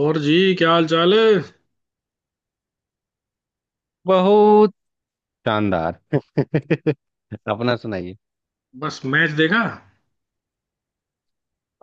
और जी, क्या हाल चाल है। बहुत शानदार अपना सुनाइए। बस मैच देखा।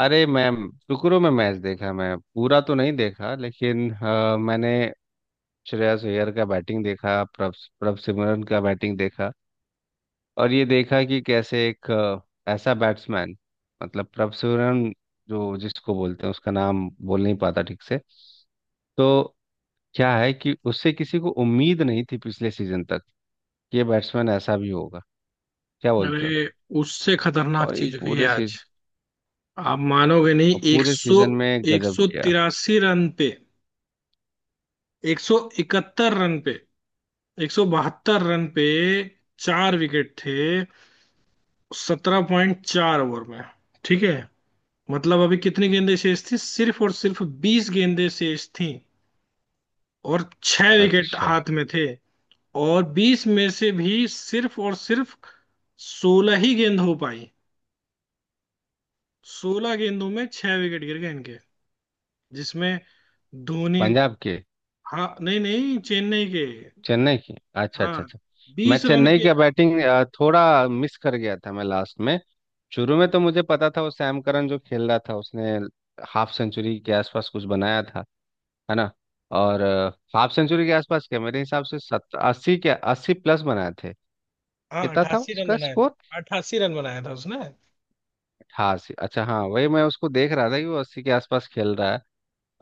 अरे मैं शुक्र में मैच देखा। मैं पूरा तो नहीं देखा लेकिन मैंने श्रेयस अय्यर का बैटिंग देखा। प्रभ प्रभ सिमरन का बैटिंग देखा और ये देखा कि कैसे एक ऐसा बैट्समैन, मतलब प्रभ सिमरन, जो जिसको बोलते हैं उसका नाम बोल नहीं पाता ठीक से। तो क्या है कि उससे किसी को उम्मीद नहीं थी पिछले सीजन तक कि ये बैट्समैन ऐसा भी होगा। क्या बोलते हो? अरे। उससे खतरनाक और ये चीज हुई है पूरे आज। आप मानोगे नहीं, और एक पूरे सौ सीजन में एक गजब सौ किया। तिरासी रन पे, 171 रन पे, 172 रन पे चार विकेट थे। 17.4 ओवर में। ठीक है। मतलब अभी कितनी गेंदें शेष थी? सिर्फ और सिर्फ 20 गेंदें शेष थी। और छह विकेट अच्छा। हाथ में थे। और 20 में से भी सिर्फ और सिर्फ 16 ही गेंद हो पाई। 16 गेंदों में छह विकेट गिर गए इनके। जिसमें धोनी। पंजाब के। हाँ, नहीं नहीं, चेन्नई के। चेन्नई की। अच्छा हाँ, अच्छा अच्छा। मैं 20 रन चेन्नई के। का बैटिंग थोड़ा मिस कर गया था। मैं लास्ट में, शुरू में तो मुझे पता था, वो सैम करन जो खेल रहा था उसने हाफ सेंचुरी के आसपास कुछ बनाया था। है ना? और हाफ सेंचुरी के आसपास क्या, मेरे हिसाब से सत 80 के 80 प्लस बनाए थे। हाँ, कितना था 88 रन उसका बनाया था, स्कोर? 88 रन बनाया था उसने। 88, अच्छा, हाँ वही मैं उसको देख रहा था कि वो 80 के आसपास खेल रहा है।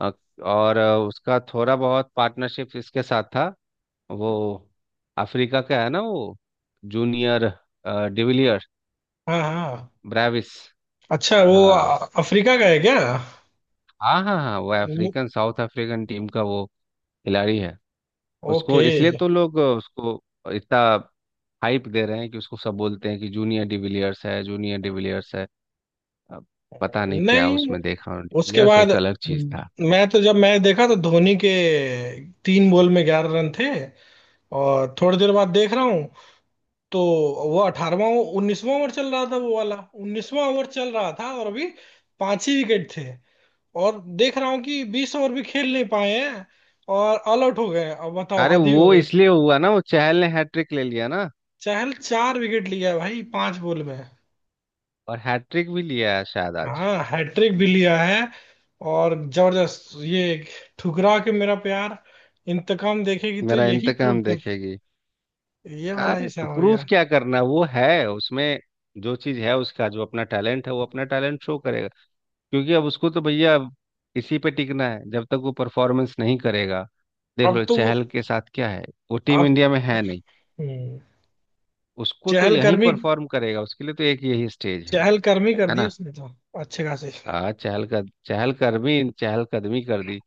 अ, और उसका थोड़ा बहुत पार्टनरशिप इसके साथ था। वो अफ्रीका का है ना वो, जूनियर, डिविलियर, हाँ, हाँ। ब्रेविस। अच्छा, वो हाँ अफ्रीका का है क्या? हाँ हाँ हाँ, वो मु- अफ्रीकन, साउथ अफ्रीकन टीम का वो खिलाड़ी है। ओके। उसको इसलिए तो लोग उसको इतना हाइप दे रहे हैं कि उसको सब बोलते हैं कि जूनियर डिविलियर्स है, जूनियर डिविलियर्स है। अब पता नहीं क्या नहीं, उसमें देखा उन्होंने। उसके डिविलियर्स एक बाद। अलग चीज था। मैं तो जब मैच देखा तो धोनी के, तीन बॉल में 11 रन थे। और थोड़ी देर बाद देख रहा हूँ तो वो 18वां, 19वां ओवर चल रहा था वो वाला। 19वां ओवर चल रहा था और अभी पांच ही विकेट थे। और देख रहा हूँ कि 20 ओवर भी खेल नहीं पाए हैं। और ऑल आउट हो गए हैं। अब बताओ, अरे, हद ही हो वो गई। इसलिए हुआ ना, वो चहल ने हैट्रिक ले लिया ना। चहल चार विकेट लिया है भाई, पांच बॉल में। और हैट्रिक भी लिया है शायद आज। हाँ, हैट्रिक भी लिया है। और जबरदस्त ये, ठुकरा के मेरा प्यार, इंतकाम देखेगी तो मेरा यही प्रूव इंतकाम कर। देखेगी। ये वाला अरे, तो हिसाब हो प्रूफ गया। क्या करना, वो है उसमें, जो चीज है उसका, जो अपना टैलेंट है वो अपना टैलेंट शो करेगा। क्योंकि अब उसको तो भैया इसी पे टिकना है, जब तक वो परफॉर्मेंस नहीं करेगा। देख अब लो तो। चहल के साथ क्या है। वो टीम अब इंडिया में है नहीं। हम्म, उसको तो यहीं चहलकर्मी, परफॉर्म करेगा, उसके लिए तो एक यही स्टेज है। चहलकर्मी कर है दी ना? उसने तो। अच्छे खासे। चहल का चहल कदमी कर दी।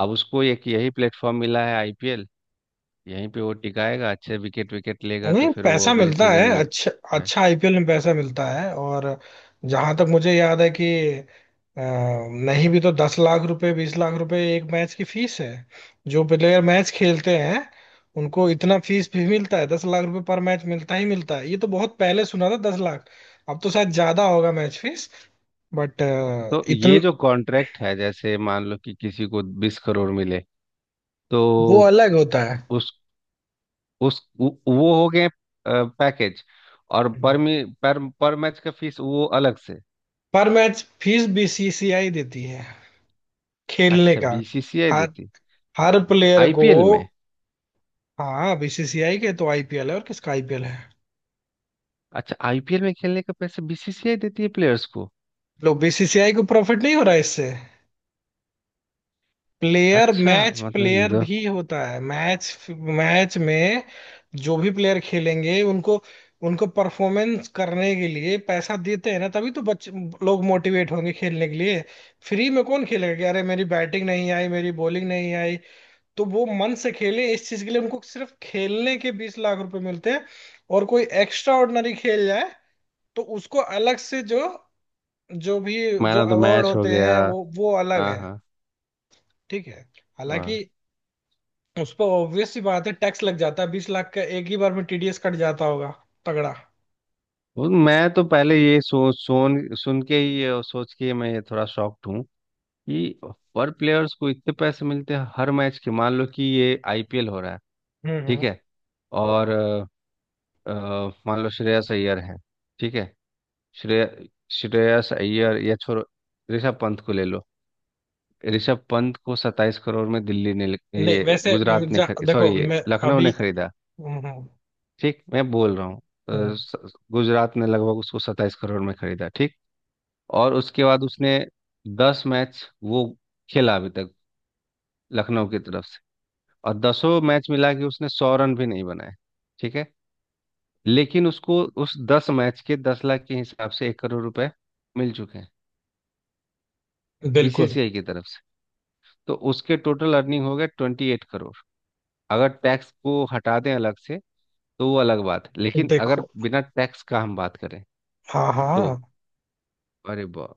अब उसको एक यही प्लेटफॉर्म मिला है, आईपीएल। यहीं पे वो टिकाएगा, अच्छे विकेट विकेट लेगा तो नहीं, फिर वो पैसा अगले मिलता सीजन है, में। अच्छा। अच्छा, आईपीएल में पैसा मिलता है, और जहां तक मुझे याद है कि अ, नहीं भी तो 10 लाख रुपए, 20 लाख रुपए एक मैच की फीस है। जो प्लेयर मैच खेलते हैं उनको इतना फीस भी मिलता है। 10 लाख रुपए पर मैच मिलता ही मिलता है, ये तो बहुत पहले सुना था, 10 लाख। अब तो शायद ज्यादा होगा मैच फीस। बट, तो ये इतना। जो कॉन्ट्रैक्ट है, जैसे मान लो कि किसी को 20 करोड़ मिले, तो वो अलग होता है। उस उस वो हो गए पैकेज। और पर मी पर मैच का फीस वो अलग से। पर मैच फीस बीसीसीआई देती है, खेलने अच्छा, का। बीसीसीआई हर देती? हर प्लेयर को। आईपीएल में? हाँ, बीसीसीआई के तो आईपीएल है, और किसका आईपीएल है? अच्छा, आईपीएल में खेलने का पैसे बीसीसीआई देती है प्लेयर्स को। लो, बीसीसीआई को प्रॉफिट नहीं हो रहा है इससे? प्लेयर अच्छा, मैच, मतलब ये प्लेयर तो भी होता है मैच मैच में। जो भी प्लेयर खेलेंगे उनको उनको परफॉर्मेंस करने के लिए पैसा देते हैं ना, तभी तो बच्चे लोग मोटिवेट होंगे खेलने के लिए। फ्री में कौन खेलेगा कि अरे, मेरी बैटिंग नहीं आई, मेरी बॉलिंग नहीं आई। तो वो मन से खेले, इस चीज के लिए उनको सिर्फ खेलने के 20 लाख रुपए मिलते हैं। और कोई एक्स्ट्रा ऑर्डिनरी खेल जाए तो उसको अलग से, जो, जो भी, मैन जो ऑफ द अवार्ड मैच हो होते गया। हैं वो अलग हाँ है। हाँ। ठीक है। वाह। हालांकि, उस पर ऑब्वियस सी बात है, टैक्स लग जाता है, 20 लाख का एक ही बार में टीडीएस कट जाता होगा। तगड़ा। वो मैं तो पहले ये सो सोन सुन के ही, ये सोच के मैं ये थोड़ा शॉक्ड हूँ कि पर प्लेयर्स को इतने पैसे मिलते हैं हर मैच के। मान लो कि ये आईपीएल हो रहा है, हम्म, ठीक है, और अ, मान लो श्रेयस अय्यर है, ठीक है, श्रेय श्रेयस अय्यर, या छोड़ो, ऋषभ पंत को ले लो। ऋषभ पंत को 27 करोड़ में दिल्ली ने, नहीं ये वैसे, गुजरात ने खरीद, देखो सॉरी, ये मैं, लखनऊ अभी। ने खरीदा, हम्म, ठीक मैं बोल रहा हूँ। हम्म। गुजरात ने लगभग उसको 27 करोड़ में खरीदा, ठीक। और उसके बाद उसने 10 मैच वो खेला अभी तक लखनऊ की तरफ से, और दसों मैच मिला के उसने 100 रन भी नहीं बनाए। ठीक है। लेकिन उसको उस 10 मैच के, 10 लाख के हिसाब से 1 करोड़ रुपए मिल चुके हैं बिल्कुल। बीसीसीआई की तरफ से। तो उसके टोटल अर्निंग हो गए 28 करोड़, अगर टैक्स को हटा दें अलग से, तो वो अलग बात है, लेकिन अगर देखो। बिना टैक्स का हम बात करें हाँ, तो, हाँ। अरे वाह।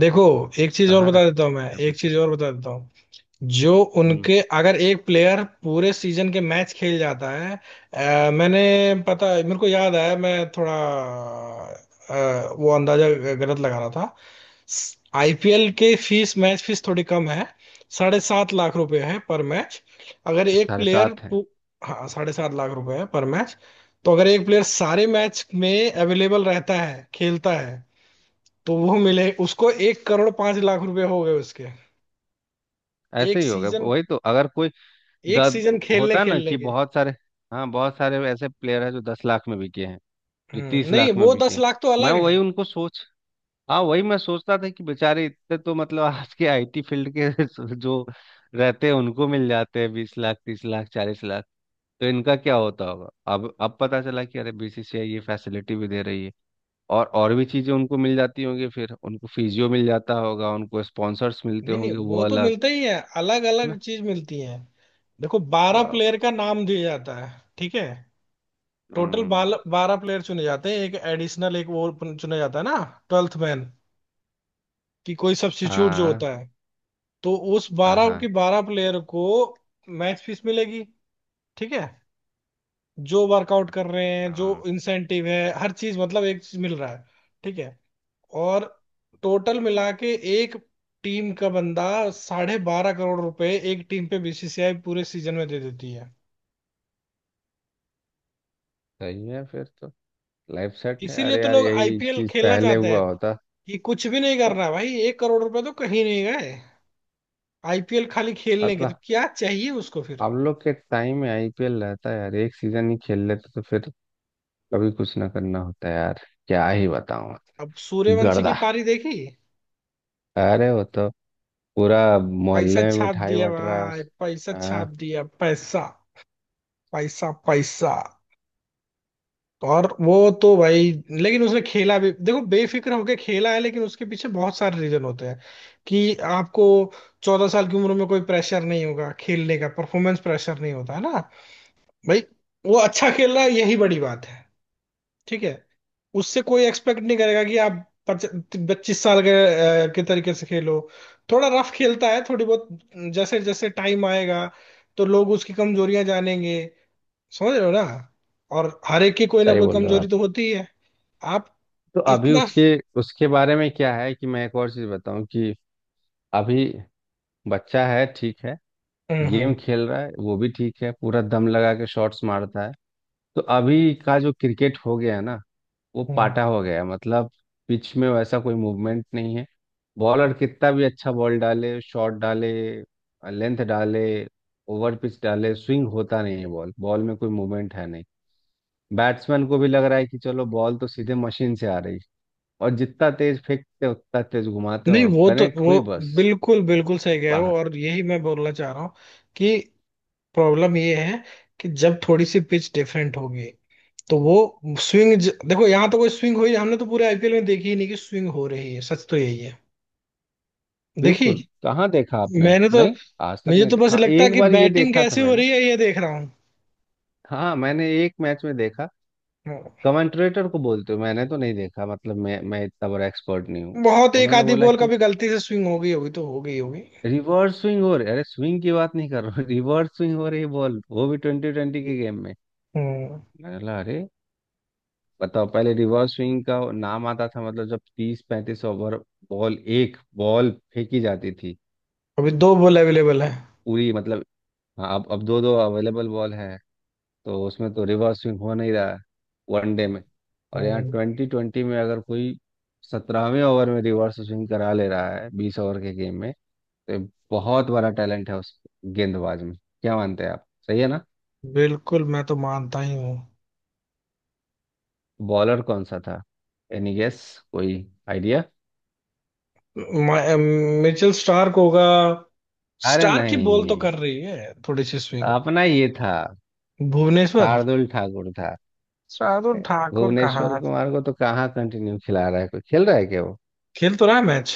देखो, एक चीज और कहाँ बता रखे देता हूँ, मैं कितना एक पैसा चीज और लगा। बता देता हूँ। जो हम्म उनके, अगर एक प्लेयर पूरे सीजन के मैच खेल जाता है, मैंने, पता, मेरे को याद आया, मैं थोड़ा वो अंदाजा गलत लगा रहा था। आईपीएल के फीस, मैच फीस थोड़ी कम है, 7.5 लाख रुपए है पर मैच। अगर तो एक साढ़े प्लेयर सात है? हाँ, 7.5 लाख रुपए है पर मैच। तो अगर एक प्लेयर सारे मैच में अवेलेबल रहता है, खेलता है, तो वो मिले उसको, 1 करोड़ 5 लाख रुपए हो गए उसके। ऐसे एक ही होगा, सीजन, वही तो। अगर कोई एक दस, सीजन खेलने होता है ना खेलने कि के। बहुत सारे, हाँ बहुत सारे ऐसे प्लेयर है जो 10 लाख में बिके हैं, जो हम्म, तीस नहीं लाख में वो दस बिके, लाख तो मैं अलग है। वही उनको सोच, हाँ वही मैं सोचता था कि बेचारे इतने, तो मतलब आज के आईटी फील्ड के जो रहते हैं उनको मिल जाते हैं 20 लाख, 30 लाख, 40 लाख, तो इनका क्या होता होगा। अब पता चला कि अरे बीसीसीआई ये फैसिलिटी भी दे रही है। और भी चीजें उनको मिल जाती होंगी, फिर उनको फिजियो मिल जाता होगा, उनको स्पॉन्सर्स मिलते नहीं नहीं, होंगे, वो वो तो अलग। मिलते ही है, अलग है अलग ना? चीज मिलती है। देखो, 12 वाह। प्लेयर का नाम दिया जाता है। ठीक है। टोटल। हम्म। 12 प्लेयर चुने जाते हैं, एक एडिशनल, एक वो चुना जाता है ना। Twelfth man. कि कोई सब्स्टिट्यूट जो हाँ होता है। तो उस हाँ बारह हाँ के बारह प्लेयर को मैच फीस मिलेगी। ठीक है। जो वर्कआउट कर रहे हैं, जो हाँ, इंसेंटिव है, हर चीज, मतलब एक चीज मिल रहा है। ठीक है। और टोटल मिला के, एक टीम का बंदा, 12.5 करोड़ रुपए एक टीम पे बीसीसीआई पूरे सीजन में दे देती है। सही है फिर तो, लाइफ सेट है। इसीलिए अरे तो यार, लोग यही आईपीएल चीज खेलना पहले चाहते हुआ हैं, होता कि कुछ भी नहीं तो, करना भाई, 1 करोड़ रुपए तो कहीं नहीं गए। आईपीएल खाली खेलने के तो मतलब क्या चाहिए उसको फिर? हम लोग के टाइम में आईपीएल रहता है यार, एक सीजन ही खेल लेते तो फिर कभी कुछ ना करना होता है यार। क्या ही बताऊं। अब सूर्यवंशी की गर्दा। पारी देखी? अरे वो तो पूरा पैसा मोहल्ले में छाप मिठाई दिया बट रहा है भाई, उस। पैसा छाप हाँ, दिया, पैसा, पैसा, पैसा। और वो तो भाई, लेकिन उसने खेला भी देखो बेफिक्र होके खेला है, लेकिन उसके पीछे बहुत सारे रीजन होते हैं कि आपको 14 साल की उम्र में कोई प्रेशर नहीं होगा खेलने का, परफॉर्मेंस प्रेशर नहीं होता है ना। भाई, वो अच्छा खेल रहा है, यही बड़ी बात है। ठीक है। उससे कोई एक्सपेक्ट नहीं करेगा कि आप 25 साल के के तरीके से खेलो। थोड़ा रफ खेलता है, थोड़ी बहुत। जैसे जैसे टाइम आएगा तो लोग उसकी कमजोरियां जानेंगे, समझ रहे हो ना? और हर एक की कोई ना सही कोई बोल रहे हो आप। कमजोरी तो होती ही है। आप, तो अभी इतना। उसके उसके बारे में क्या है, कि मैं एक और चीज बताऊं कि अभी बच्चा है, ठीक है, हम्म, गेम हम्म, खेल रहा है, वो भी ठीक है, पूरा दम लगा के शॉट्स मारता है। तो अभी का जो क्रिकेट हो गया है ना, वो हम्म। पाटा हो गया है, मतलब पिच में वैसा कोई मूवमेंट नहीं है। बॉलर कितना भी अच्छा बॉल डाले, शॉट डाले, लेंथ डाले, ओवर पिच डाले, स्विंग होता नहीं है, बॉल बॉल में कोई मूवमेंट है नहीं। बैट्समैन को भी लग रहा है कि चलो, बॉल तो सीधे मशीन से आ रही है, और जितना तेज फेंकते हैं, उतना तेज घुमाते हैं नहीं, और वो तो कनेक्ट वो हुई, बस, बिल्कुल बिल्कुल सही कह रहे हो, बाहर। और यही मैं बोलना चाह रहा हूँ कि प्रॉब्लम ये है कि जब थोड़ी सी पिच डिफरेंट होगी, तो वो स्विंग। देखो, यहाँ तो कोई स्विंग हुई, हमने तो पूरे आईपीएल में देखी ही नहीं कि स्विंग हो रही है, सच तो यही है। बिल्कुल, देखी, कहाँ देखा आपने? मैंने तो, नहीं, आज तक मुझे नहीं तो बस देखा। हाँ, लगता है एक कि बार ये बैटिंग देखा था कैसे हो मैंने, रही है ये देख रहा हाँ मैंने एक मैच में देखा। हूँ। कमेंटरेटर को बोलते हो, मैंने तो नहीं देखा, मतलब मैं इतना बड़ा एक्सपर्ट नहीं हूँ। बहुत एक उन्होंने आधी बोला बॉल कि कभी गलती से स्विंग हो गई होगी तो हो गई होगी। रिवर्स स्विंग हो रही, अरे स्विंग की बात नहीं कर रहा हूँ रिवर्स स्विंग हो रही बॉल, वो भी टी20 के गेम में। हम्म। मैंने बोला, अरे, बताओ पहले रिवर्स स्विंग का नाम आता था, मतलब जब 30 35 ओवर, बॉल एक बॉल फेंकी जाती थी अभी दो बॉल अवेलेबल है। पूरी, मतलब। हाँ, अब दो दो अवेलेबल बॉल है, तो उसमें तो रिवर्स स्विंग हो नहीं रहा है वनडे में। और यहाँ हम्म, टी20 में अगर कोई 17वें ओवर में रिवर्स स्विंग करा ले रहा है 20 ओवर के गेम में, तो ये बहुत बड़ा टैलेंट है उस गेंदबाज में। क्या मानते हैं आप, सही है ना? बिल्कुल मैं तो मानता ही हूँ। बॉलर कौन सा था? Any guess? कोई आइडिया? मिचेल स्टार्क होगा। अरे स्टार की बॉल तो नहीं, कर रही है थोड़ी सी स्विंग। अपना ये था, भुवनेश्वर। शार्दुल ठाकुर था। शार्दुल ठाकुर भुवनेश्वर कहाँ? कुमार को तो कहाँ कंटिन्यू खिला रहा है, कोई खेल रहा है क्या वो? खेल तो रहा है मैच।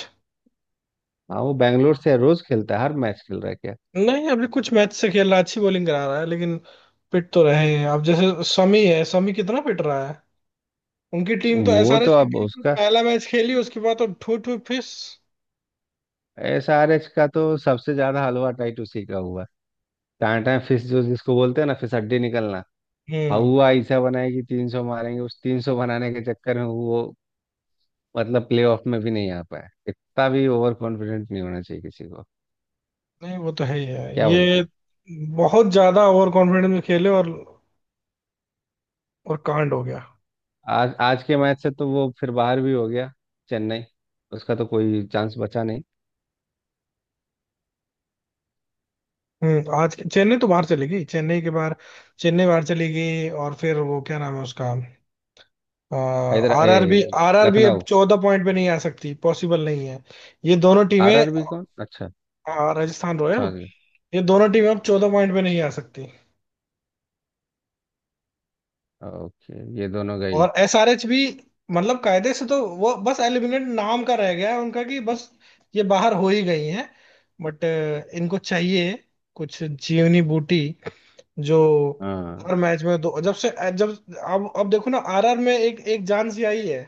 हाँ, वो बैंगलोर से रोज खेलता है, हर मैच खेल रहा है क्या? नहीं, अभी कुछ मैच से खेल रहा है, अच्छी बॉलिंग करा रहा है, लेकिन पिट तो रहे हैं। अब जैसे शमी है, शमी कितना पिट रहा है। उनकी टीम तो, वो तो एसआरएच की अब टीम तो उसका, पहला मैच खेली, उसके बाद तो ठू ठू फिस। SRH का तो सबसे ज्यादा हलवा टाइट उसी का हुआ है। टाटा फिश जो जिसको बोलते हैं ना, फिश हड्डी निकलना। हम्म, हवा ऐसा बनाएगी, 300 मारेंगे, उस तीन सौ बनाने के चक्कर में वो, मतलब प्ले ऑफ में भी नहीं आ पाया। इतना भी ओवर कॉन्फिडेंट नहीं होना चाहिए किसी को, नहीं वो तो है ही है क्या बोलते ये। हैं। बहुत ज्यादा ओवर कॉन्फिडेंस में खेले और कांड हो गया। आज आज के मैच से तो वो फिर बाहर भी हो गया, चेन्नई, उसका तो कोई चांस बचा नहीं। हम्म, आज चेन्नई तो बाहर चली गई, चेन्नई के बाहर। चेन्नई बाहर चली गई और फिर वो क्या नाम है उसका? हैदरा, R A, R B, R R B अब लखनऊ, 14 पॉइंट पे नहीं आ सकती, पॉसिबल नहीं है। ये दोनों टीमें, आरआरबी कौन? अच्छा, राजस्थान रॉयल। समझ गए। ये दोनों टीमें अब 14 पॉइंट पे नहीं आ सकती, ओके, ये दोनों गई। और एसआरएच भी। मतलब कायदे से तो वो बस एलिमिनेट नाम का रह गया है उनका, कि बस ये बाहर हो ही गई हैं। बट इनको चाहिए कुछ जीवनी बूटी, जो हाँ, हर मैच में दो, जब से, जब अब देखो ना, आरआर में एक एक जान सी आई है।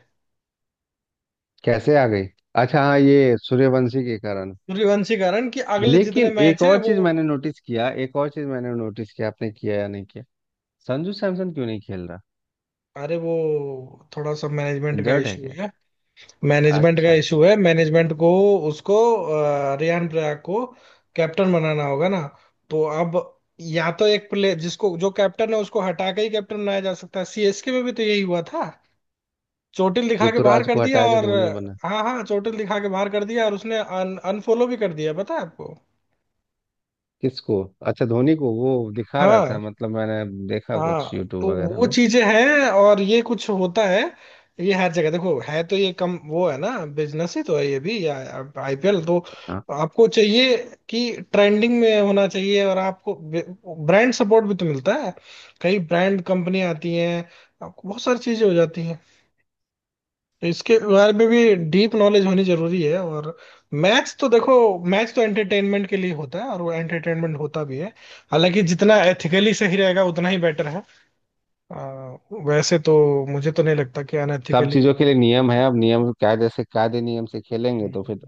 कैसे आ गई? अच्छा हाँ, ये सूर्यवंशी के कारण। सूर्यवंशी कारण, कि अगले जितने लेकिन एक मैच है और वो। चीज मैंने नोटिस किया, एक और चीज मैंने नोटिस किया, आपने किया या नहीं किया, संजू सैमसन क्यों नहीं खेल रहा? अरे, वो थोड़ा सा मैनेजमेंट का इंजर्ड है इशू क्या? है, मैनेजमेंट का अच्छा अच्छा इशू है, मैनेजमेंट को उसको रियान पराग को कैप्टन बनाना होगा ना। तो अब, या तो एक प्लेयर, जिसको जो कैप्टन है उसको हटा के ही कैप्टन बनाया जा सकता है, सीएसके में भी तो यही हुआ था, चोटिल अच्छा। दिखा के बाहर ऋतुराज कर को दिया। हटा के और धोनी बना? हाँ हाँ, चोटिल दिखा के बाहर कर दिया और उसने अनफॉलो भी कर दिया, पता है आपको? किसको? अच्छा, धोनी को वो दिखा रहा था हाँ, मतलब, मैंने देखा हाँ। कुछ तो यूट्यूब वगैरह वो में। चीजें हैं, और ये कुछ होता है। ये हर जगह देखो है, तो ये कम वो है ना। बिजनेस ही तो है ये भी, या आईपीएल तो, हाँ। आपको चाहिए कि ट्रेंडिंग में होना चाहिए, और आपको ब्रांड सपोर्ट भी तो मिलता है, कई ब्रांड कंपनी आती हैं, आपको बहुत सारी चीजें हो जाती हैं। तो इसके बारे में भी डीप नॉलेज होनी जरूरी है, और मैच तो देखो, मैच तो एंटरटेनमेंट के लिए होता है और वो एंटरटेनमेंट होता भी है। हालांकि जितना एथिकली सही रहेगा उतना ही बेटर है। आ, वैसे तो मुझे तो नहीं लगता कि सब अनएथिकली। चीजों के लिए नियम है, अब नियम कायदे से, कायदे नियम से खेलेंगे तो फिर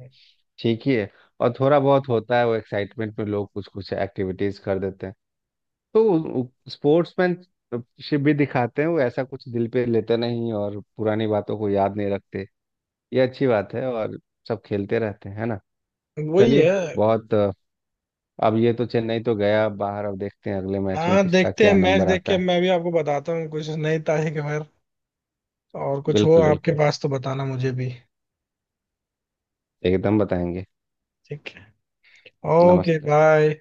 ठीक ही है। और थोड़ा बहुत होता है वो, एक्साइटमेंट में लोग कुछ कुछ एक्टिविटीज कर देते हैं, तो स्पोर्ट्समैनशिप भी दिखाते हैं वो, ऐसा कुछ दिल पे लेते नहीं और पुरानी बातों को याद नहीं रखते, ये अच्छी बात है। और सब खेलते रहते हैं, है ना? वही चलिए, है। बहुत, अब ये तो चेन्नई तो गया बाहर, अब देखते हैं अगले मैच में हाँ, किसका देखते हैं, क्या मैच नंबर देख आता के है। मैं भी आपको बताता हूँ, कुछ नई तारीख अगर और कुछ हो बिल्कुल आपके बिल्कुल, पास तो बताना मुझे भी। एकदम बताएंगे। ठीक है। ओके, नमस्ते। बाय।